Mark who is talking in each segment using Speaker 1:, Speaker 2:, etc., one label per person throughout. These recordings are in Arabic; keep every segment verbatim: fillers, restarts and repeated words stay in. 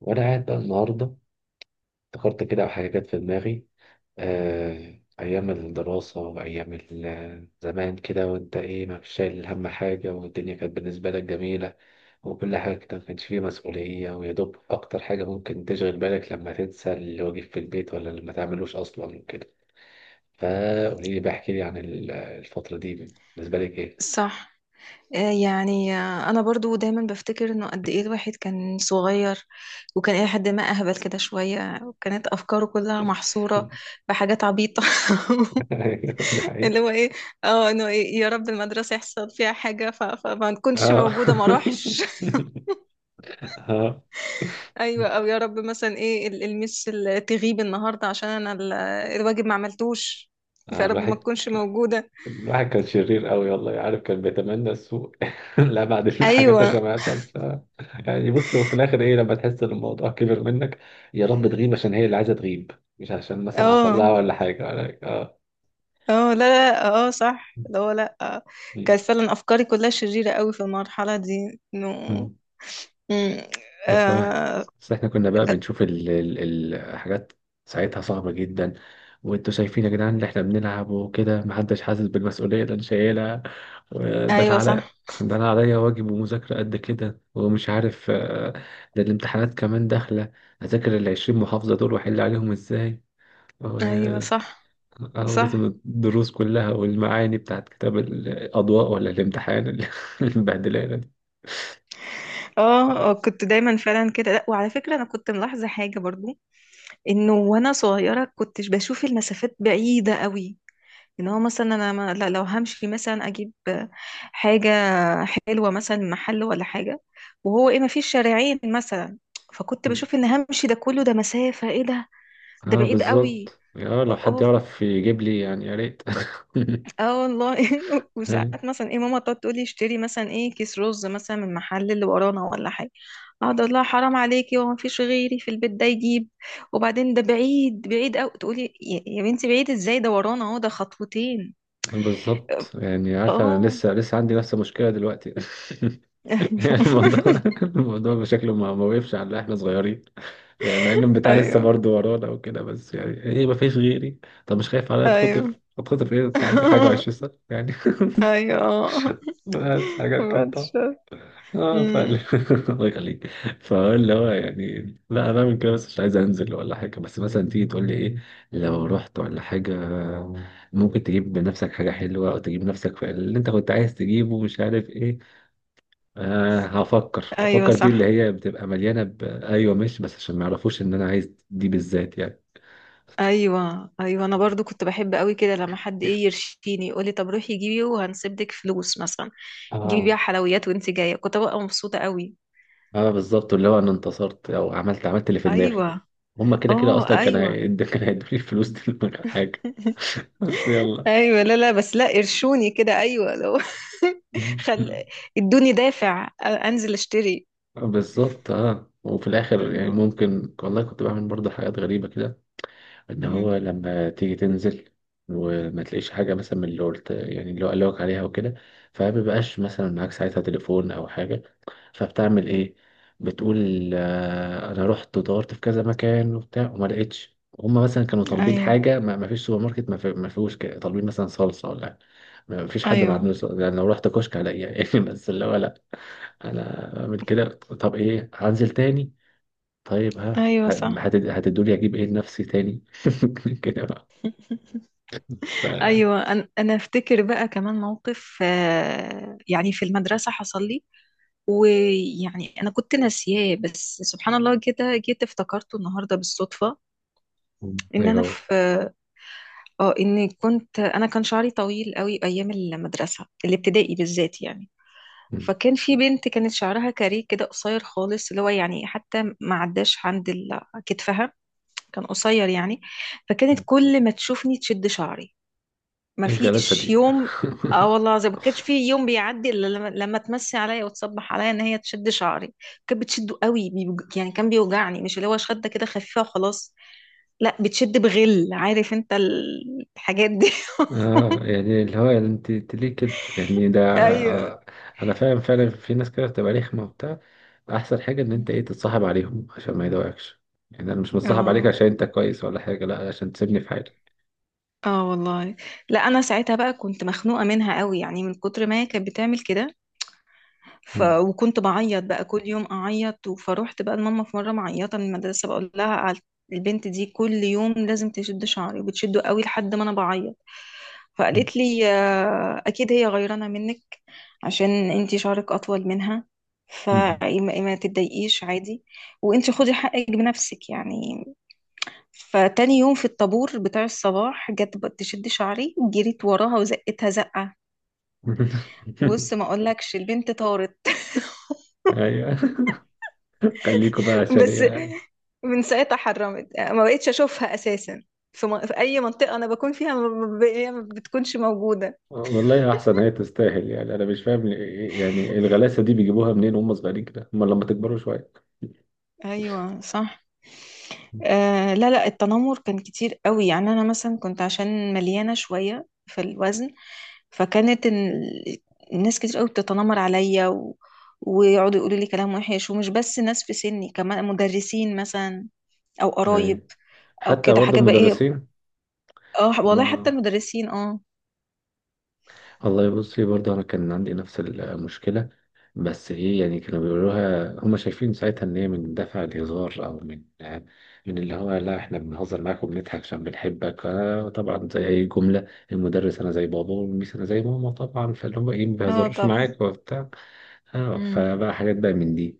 Speaker 1: وأنا قاعد بقى النهاردة افتكرت كده حاجة جت في دماغي. آه، أيام الدراسة وأيام ال- زمان كده، وأنت إيه، ما فيش شايل هم حاجة، والدنيا كانت بالنسبة لك جميلة وكل حاجة كده. ما كانش فيه مسؤولية، ويا دوب أكتر حاجة ممكن تشغل بالك لما تنسى الواجب في البيت، ولا لما تعملوش أصلا وكده. فقولي لي، بحكي لي عن ال- الفترة دي، بالنسبة لك إيه؟
Speaker 2: صح. آه، يعني آه، انا برضو دايما بفتكر انه قد ايه الواحد كان صغير، وكان الى حد ما اهبل كده شويه، وكانت افكاره كلها محصوره بحاجات عبيطه.
Speaker 1: أيوة، دي
Speaker 2: اللي
Speaker 1: حقيقة.
Speaker 2: هو ايه، اه انه إيه، يا رب المدرسه يحصل فيها حاجه ف... فما نكونش
Speaker 1: آه.
Speaker 2: موجوده ما اروحش.
Speaker 1: آه.
Speaker 2: ايوه، او يا رب مثلا ايه ال- المس ال- تغيب النهارده عشان انا ال- الواجب ما عملتوش،
Speaker 1: آه،
Speaker 2: فيا رب ما
Speaker 1: الواحد
Speaker 2: تكونش موجوده.
Speaker 1: الواحد كان شرير قوي والله، عارف كان بيتمنى السوء. لا بعد الحاجات
Speaker 2: ايوه.
Speaker 1: عشان ما يحصل ف... يعني بص، وفي الاخر ايه لما تحس ان الموضوع كبر منك. يا رب تغيب عشان هي اللي عايزه تغيب، مش عشان مثلا حصل لها
Speaker 2: اه.
Speaker 1: ولا حاجه ولا اه.
Speaker 2: اه لا لا، اه صح، اللي هو لا آه،
Speaker 1: م.
Speaker 2: كانت فعلا افكاري كلها شريرة قوي في المرحلة دي، انه
Speaker 1: م.
Speaker 2: مم،
Speaker 1: بس واحد،
Speaker 2: آه.
Speaker 1: بس احنا كنا بقى بنشوف ال... ال... الحاجات ساعتها صعبه جدا. وانتوا شايفين يا جدعان اللي احنا بنلعب وكده، محدش حاسس بالمسؤوليه اللي انا شايلها. آه، ده
Speaker 2: ايوه
Speaker 1: العلق،
Speaker 2: صح.
Speaker 1: ده انا عليا واجب ومذاكرة قد كده ومش عارف. آه، ده الامتحانات كمان داخلة، اذاكر العشرين محافظة دول واحل عليهم ازاي. و-
Speaker 2: ايوه
Speaker 1: آه،
Speaker 2: صح.
Speaker 1: او لازم
Speaker 2: صح.
Speaker 1: الدروس كلها والمعاني بتاعت كتاب الاضواء، ولا الامتحان اللي مبهدلانة دي.
Speaker 2: اه
Speaker 1: اه.
Speaker 2: آه، كنت دايما فعلا كده، لا وعلى فكرة انا كنت ملاحظة حاجة برضو، انه وانا صغيرة كنتش بشوف المسافات بعيدة قوي. ان هو مثلا انا ما لا لو همشي مثلا اجيب حاجة حلوة مثلا من محل ولا حاجة، وهو ايه ما فيش شارعين مثلا، فكنت بشوف ان همشي ده كله، ده مسافة ايه ده، ده
Speaker 1: آه،
Speaker 2: بعيد قوي.
Speaker 1: بالظبط، اه لو حد
Speaker 2: اوف.
Speaker 1: يعرف يجيب لي يعني يا ريت.
Speaker 2: اه والله.
Speaker 1: أي،
Speaker 2: وساعات مثلا ايه ماما تقعد تقولي اشتري مثلا ايه كيس رز مثلا من المحل اللي ورانا ولا حاجه، اقعد اقول لها حرام عليكي، هو مفيش غيري في البيت ده يجيب؟ وبعدين ده بعيد بعيد قوي، تقولي يا يا بنتي بعيد ازاي ده ورانا اهو، ده خطوتين.
Speaker 1: بالظبط. يعني عارفة انا
Speaker 2: اه.
Speaker 1: لسه لسه عندي نفس المشكلة دلوقتي. يعني الموضوع الموضوع بشكله ما ما وقفش على احنا صغيرين. يعني مع ان البتاع لسه
Speaker 2: ايوه.
Speaker 1: برضه ورانا وكده، بس يعني ايه، ما فيش غيري. طب مش خايف عليا
Speaker 2: ايوه
Speaker 1: اتخطف، اتخطف ايه، انت عندك حاجه
Speaker 2: ايوه.
Speaker 1: وعشرين سنه يعني.
Speaker 2: ايوه.
Speaker 1: بس حاجات كده
Speaker 2: بعد
Speaker 1: طبعا.
Speaker 2: الشر.
Speaker 1: اه فعلا.
Speaker 2: امم.
Speaker 1: الله يخليك. فاللي هو يعني، لا انا من كده بس مش عايز انزل ولا حاجه، بس مثلا تيجي تقول لي ايه لو رحت ولا حاجه، ممكن تجيب بنفسك حاجه حلوه او تجيب نفسك في اللي انت كنت عايز تجيبه مش عارف ايه. آه هفكر
Speaker 2: ايوه
Speaker 1: هفكر دي اللي
Speaker 2: صح.
Speaker 1: هي بتبقى مليانة ب... أيوة ماشي، بس عشان ما يعرفوش إن أنا عايز دي بالذات يعني.
Speaker 2: ايوه ايوه، انا برضو كنت بحب قوي كده لما حد ايه يرشيني، يقولي طب روحي جيبي وهنسيب لك فلوس مثلا، جيبي
Speaker 1: اه.
Speaker 2: بيها حلويات وانت جايه، كنت ببقى مبسوطه قوي.
Speaker 1: اه بالظبط، اللي هو أنا انتصرت أو عملت عملت اللي في دماغي.
Speaker 2: ايوه.
Speaker 1: هما كده كده
Speaker 2: اه
Speaker 1: أصلا كان
Speaker 2: ايوه.
Speaker 1: هيد... كان هيدوني الفلوس دي من غير حاجة. بس يلا.
Speaker 2: ايوه لا لا، بس لا قرشوني كده، ايوه لو خل
Speaker 1: مم.
Speaker 2: ادوني دافع أ- انزل اشتري.
Speaker 1: بالظبط. اه وفي الآخر يعني
Speaker 2: ايوه.
Speaker 1: ممكن والله كنت بعمل برضه حاجات غريبة كده. إن
Speaker 2: مهم.
Speaker 1: هو لما تيجي تنزل وما تلاقيش حاجة مثلا من اللي قلت، يعني اللي هو قالك عليها وكده، فما بيبقاش مثلا معاك ساعتها تليفون أو حاجة، فبتعمل ايه؟ بتقول آه، انا رحت ودورت في كذا مكان وبتاع وما لقيتش، هما مثلا كانوا طالبين
Speaker 2: ايوه
Speaker 1: حاجه ما ما فيش سوبر ماركت ما في- ما فيهوش، كده طالبين مثلا صلصه ولا حاجة. ما فيش حد ما
Speaker 2: ايوه.
Speaker 1: عندوش صلصة. يعني لو رحت كشك هلاقيها يعني. بس اللي هو لا، انا بعمل كده طب ايه، هنزل تاني؟ طيب ها
Speaker 2: ايوه صح.
Speaker 1: هت- هتدولي اجيب ايه لنفسي تاني كده بقى. ف-
Speaker 2: ايوه، انا أنا افتكر بقى كمان موقف آه، يعني في المدرسه حصل لي، ويعني انا كنت ناسياه، بس سبحان الله كده جيت افتكرته النهارده بالصدفه، ان
Speaker 1: ايوه
Speaker 2: انا
Speaker 1: هو.
Speaker 2: في، اه ان كنت انا، كان شعري طويل قوي ايام المدرسه الابتدائي بالذات يعني، فكان في بنت كانت شعرها كاريه كده قصير خالص، اللي هو يعني حتى ما عداش عند ال- كتفها، كان قصير يعني، فكانت كل ما تشوفني تشد شعري، ما
Speaker 1: ايه غلاسه
Speaker 2: فيش
Speaker 1: دي.
Speaker 2: يوم. اه والله، زي ما كانش في يوم بيعدي الا لما, لما تمسي عليا وتصبح عليا ان هي تشد شعري، كانت بتشده قوي بيوج- يعني كان بيوجعني، مش اللي هو شده كده خفيفه وخلاص، لا بتشد بغل، عارف انت ال- الحاجات دي.
Speaker 1: اه يعني اللي هو يعني انت انت ليه كده يعني ده.
Speaker 2: ايوه.
Speaker 1: آه، انا فاهم فعلا، في ناس كده بتبقى رخمه وبتاع. احسن حاجه ان انت ايه، تتصاحب عليهم عشان ما يضايقكش. يعني انا مش متصاحب عليك
Speaker 2: اه.
Speaker 1: عشان انت كويس ولا حاجه، لا عشان تسيبني في حالي.
Speaker 2: اه والله، لا انا ساعتها بقى كنت مخنوقه منها قوي يعني، من كتر ما هي كانت بتعمل كده، ف...
Speaker 1: مم.
Speaker 2: وكنت بعيط بقى كل يوم اعيط، فروحت بقى لماما في مره معيطه من المدرسه، بقول لها على البنت دي كل يوم لازم تشد شعري، وبتشده قوي لحد ما انا بعيط،
Speaker 1: مم.
Speaker 2: فقالت لي آه، اكيد هي غيرانه منك عشان انتي شعرك اطول منها،
Speaker 1: مم.
Speaker 2: فما ما تتضايقيش عادي، وانتي خدي حقك بنفسك يعني. فتاني يوم في الطابور بتاع الصباح، جت بقى تشد شعري، جريت وراها وزقتها زقه، بص ما اقولكش البنت طارت.
Speaker 1: ايوه. خليكوا بقى عشان
Speaker 2: بس
Speaker 1: ايه.
Speaker 2: من ساعتها حرمت، ما بقتش اشوفها اساسا، في, م... في اي منطقه انا بكون فيها ما ب... هي ما بتكونش موجوده.
Speaker 1: والله احسن، هي تستاهل. يعني انا مش فاهم ليه، يعني الغلاسه دي بيجيبوها منين وهم صغيرين كده، هم لما تكبروا شويه.
Speaker 2: ايوه صح. آه لا لا، التنمر كان كتير قوي، يعني انا مثلا كنت عشان مليانه شويه في الوزن، فكانت ال- الناس كتير قوي بتتنمر عليا، و... ويقعدوا يقولوا لي كلام وحش، ومش بس ناس في سني، كمان مدرسين مثلا او قرايب
Speaker 1: ايوه.
Speaker 2: او
Speaker 1: حتى
Speaker 2: كده
Speaker 1: برضه
Speaker 2: حاجه بقى ايه.
Speaker 1: المدرسين.
Speaker 2: اه والله حتى
Speaker 1: ما
Speaker 2: المدرسين اه.
Speaker 1: والله بصي، برضه انا كان عندي نفس المشكله. بس ايه، يعني كانوا بيقولوها هم شايفين ساعتها ان هي من دافع الهزار، او من من اللي هو لا احنا بنهزر معاك وبنضحك عشان بنحبك، أنا طبعا زي اي جمله، المدرس انا زي بابا والميس انا زي ماما طبعا، فاللي هم ايه، ما
Speaker 2: اه
Speaker 1: بيهزروش
Speaker 2: طبعا.
Speaker 1: معاك وبتاع. اه
Speaker 2: مم.
Speaker 1: فبقى حاجات بقى من دي.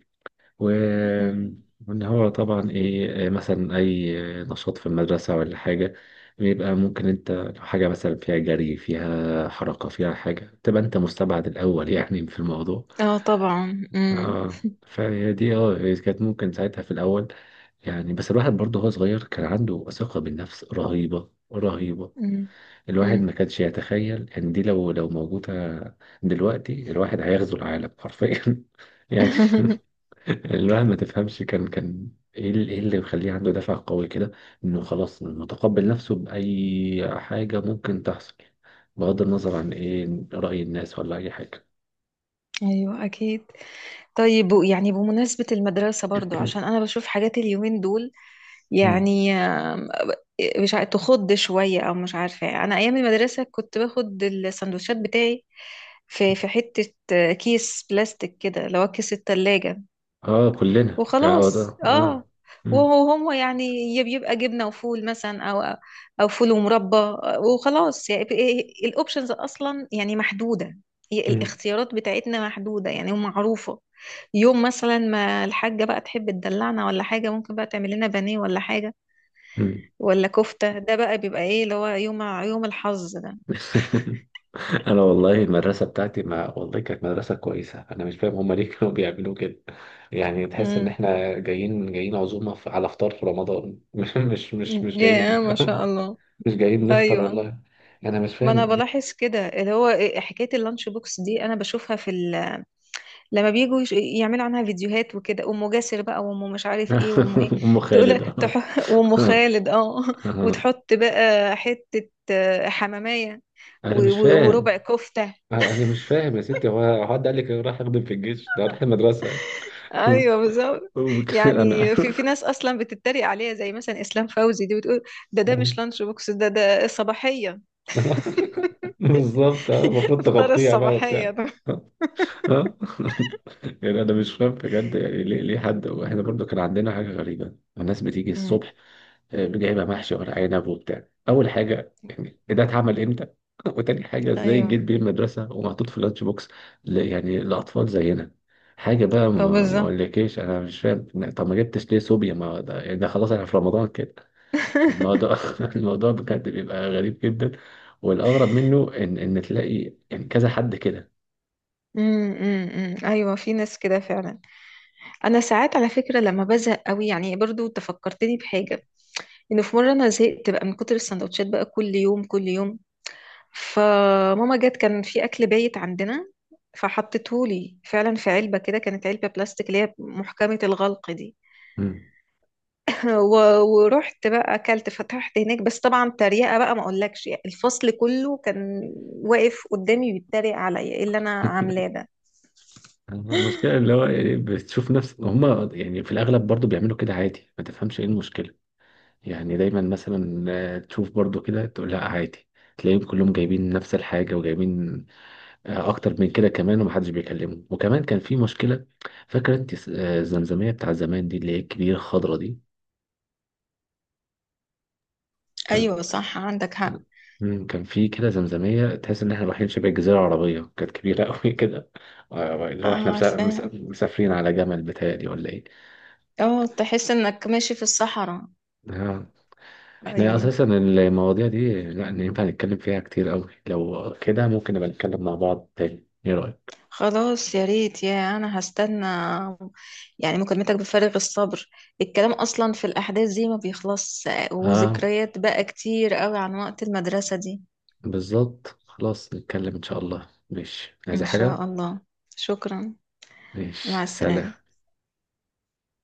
Speaker 1: و...
Speaker 2: مم.
Speaker 1: وإن هو طبعا إيه، آه، مثلا أي آه، نشاط في المدرسة ولا حاجة، بيبقى ممكن أنت لو حاجة مثلا فيها جري فيها حركة فيها حاجة، تبقى أنت مستبعد الأول يعني في الموضوع.
Speaker 2: اه طبعا. مم.
Speaker 1: آه. فهي دي اه، هي كانت ممكن ساعتها في الأول. يعني بس الواحد برضه هو صغير، كان عنده ثقة بالنفس رهيبة رهيبة.
Speaker 2: مم.
Speaker 1: الواحد ما
Speaker 2: مم.
Speaker 1: كانش يتخيل ان دي لو لو موجودة دلوقتي، الواحد هيغزو العالم حرفيا يعني. الواحد ما تفهمش، كان كان ايه ال- إيه اللي مخليه عنده دافع قوي كده، انه خلاص متقبل نفسه بأي حاجة ممكن تحصل، بغض النظر عن ايه، رأي الناس ولا اي حاجة.
Speaker 2: ايوه اكيد. طيب يعني بمناسبة المدرسة برضو، عشان انا بشوف حاجات اليومين دول،
Speaker 1: مم.
Speaker 2: يعني آم، مش عارفة تخض شوية او مش عارفة، انا ايام المدرسة كنت باخد السندوتشات بتاعي في في حتة آه، كيس بلاستيك كده اللي هو كيس التلاجة،
Speaker 1: اه كلنا يا وضع
Speaker 2: وخلاص
Speaker 1: اه
Speaker 2: اه.
Speaker 1: آه. مم.
Speaker 2: وهو هو يعني يا بيبقى جبنة وفول مثلا، او او فول ومربى، وخلاص يعني، الاوبشنز اصلا يعني محدودة، هي
Speaker 1: مم.
Speaker 2: الاختيارات بتاعتنا محدودة يعني ومعروفة. يوم مثلا ما الحاجة بقى تحب تدلعنا ولا حاجة، ممكن بقى تعمل لنا بانيه ولا حاجة
Speaker 1: مم.
Speaker 2: ولا كفتة، ده بقى بيبقى ايه اللي هو يوم، يوم الحظ ده.
Speaker 1: انا والله المدرسه بتاعتي، ما والله كانت مدرسه كويسه، انا مش فاهم هما ليه كانوا بيعملوا كده. يعني تحس ان
Speaker 2: امم.
Speaker 1: احنا جايين جايين عزومه في- على فطار في رمضان مش مش مش مش جايين
Speaker 2: يا
Speaker 1: مش
Speaker 2: ما شاء الله.
Speaker 1: مش جايين نفطر
Speaker 2: ايوه،
Speaker 1: والله. انا مش
Speaker 2: ما انا
Speaker 1: فاهم ليه.
Speaker 2: بلاحظ كده، اللي هو إيه، حكاية اللانش بوكس دي انا بشوفها في ال لما بيجوا يش- يعملوا عنها فيديوهات وكده، أم جاسر بقى وأم مش عارف ايه وأم ايه،
Speaker 1: ام
Speaker 2: تقول
Speaker 1: خالد اه
Speaker 2: تح... وأم خالد اه،
Speaker 1: آه.
Speaker 2: وتحط بقى حتة آه، حمامية
Speaker 1: انا
Speaker 2: و...
Speaker 1: مش
Speaker 2: و... وربع
Speaker 1: فاهم.
Speaker 2: كفتة.
Speaker 1: انا مش فاهم يا ستي، هو هو حد قال لك أنا رايح اخدم في الجيش، ده رايح المدرسه يعني.
Speaker 2: ايوه بالظبط.
Speaker 1: انا.
Speaker 2: يعني في في ناس اصلا بتتريق عليها، زي مثلا اسلام فوزي دي بتقول ده ده مش لانش بوكس، ده ده صباحيه.
Speaker 1: بالظبط. آه، المفروض
Speaker 2: افطار
Speaker 1: تغطيها بقى
Speaker 2: الصباحيه
Speaker 1: وبتاع.
Speaker 2: ده.
Speaker 1: اه. يعني انا مش فاهم بجد، يعني ليه ليه حد. واحنا برضو كان عندنا حاجه غريبه، الناس بتيجي
Speaker 2: امم.
Speaker 1: الصبح جايبها محشي ورق عنب وبتاع. اول حاجه يعني إيه ده، اتعمل امتى؟ وتاني حاجه ازاي
Speaker 2: ايوه.
Speaker 1: جيت بيه المدرسه ومحطوط في لانش بوكس، ل- يعني لاطفال زينا. حاجه بقى
Speaker 2: اه
Speaker 1: ما ما
Speaker 2: بالظبط.
Speaker 1: اقولكيش، انا مش فاهم إن- طب ما جبتش ليه صوبيا، ما ده يعني ده خلاص احنا في رمضان كده. الموضوع الموضوع بجد بيبقى غريب جدا. والاغرب منه ان ان تلاقي يعني كذا حد كده.
Speaker 2: امم أمم، أمم. ايوه في ناس كده فعلا. انا ساعات على فكره لما بزهق قوي يعني، برضو تفكرتني بحاجه، انه في مره انا زهقت بقى من كتر السندوتشات بقى كل يوم كل يوم، فماما جت كان في اكل بايت عندنا، فحطته لي فعلا في علبه كده، كانت علبه بلاستيك اللي هي محكمه الغلق دي.
Speaker 1: مم.
Speaker 2: و- ورحت بقى اكلت، فتحت هناك، بس طبعا تريقه بقى ما اقولكش، يعني الفصل كله كان واقف قدامي بيتريق عليا ايه اللي انا عاملاه ده.
Speaker 1: المشكله اللي هو يعني بتشوف نفس هم. يعني في الاغلب برضو بيعملوا كده عادي، ما تفهمش ايه المشكله. يعني دايما مثلا آه، تشوف برضو كده تقول لا عادي. تلاقيهم كلهم جايبين نفس الحاجة وجايبين آه، أكتر من كده كمان، ومحدش بيكلمهم. وكمان كان في مشكلة، فاكرة أنت س- آه، الزمزمية بتاع زمان دي اللي هي الكبيرة الخضرا دي، كان
Speaker 2: ايوه صح عندك
Speaker 1: آه،
Speaker 2: حق.
Speaker 1: مم، كان في كده زمزمية تحس إن إحنا رايحين شبه الجزيرة العربية، كانت كبيرة أوي كده. آه، اللي هو إحنا
Speaker 2: آه،
Speaker 1: مسا- مسا-
Speaker 2: عارفة.
Speaker 1: مسافرين على جمل بتهيألي ولا إيه.
Speaker 2: اه تحس انك ماشي في الصحراء.
Speaker 1: آه، احنا
Speaker 2: ايوه
Speaker 1: اساسا المواضيع دي لا ينفع نتكلم فيها كتير قوي، لو كده ممكن نبقى نتكلم مع بعض تاني، ايه رأيك؟
Speaker 2: خلاص يا ريت، يا انا هستنى يعني مكالمتك بفارغ الصبر، الكلام اصلا في الاحداث دي ما بيخلص،
Speaker 1: اه
Speaker 2: وذكريات بقى كتير قوي عن وقت المدرسة دي.
Speaker 1: بالظبط، خلاص نتكلم ان شاء الله، ماشي عايز
Speaker 2: ان
Speaker 1: حاجة؟
Speaker 2: شاء الله. شكرا. مع
Speaker 1: ماشي
Speaker 2: السلامة.
Speaker 1: سلام.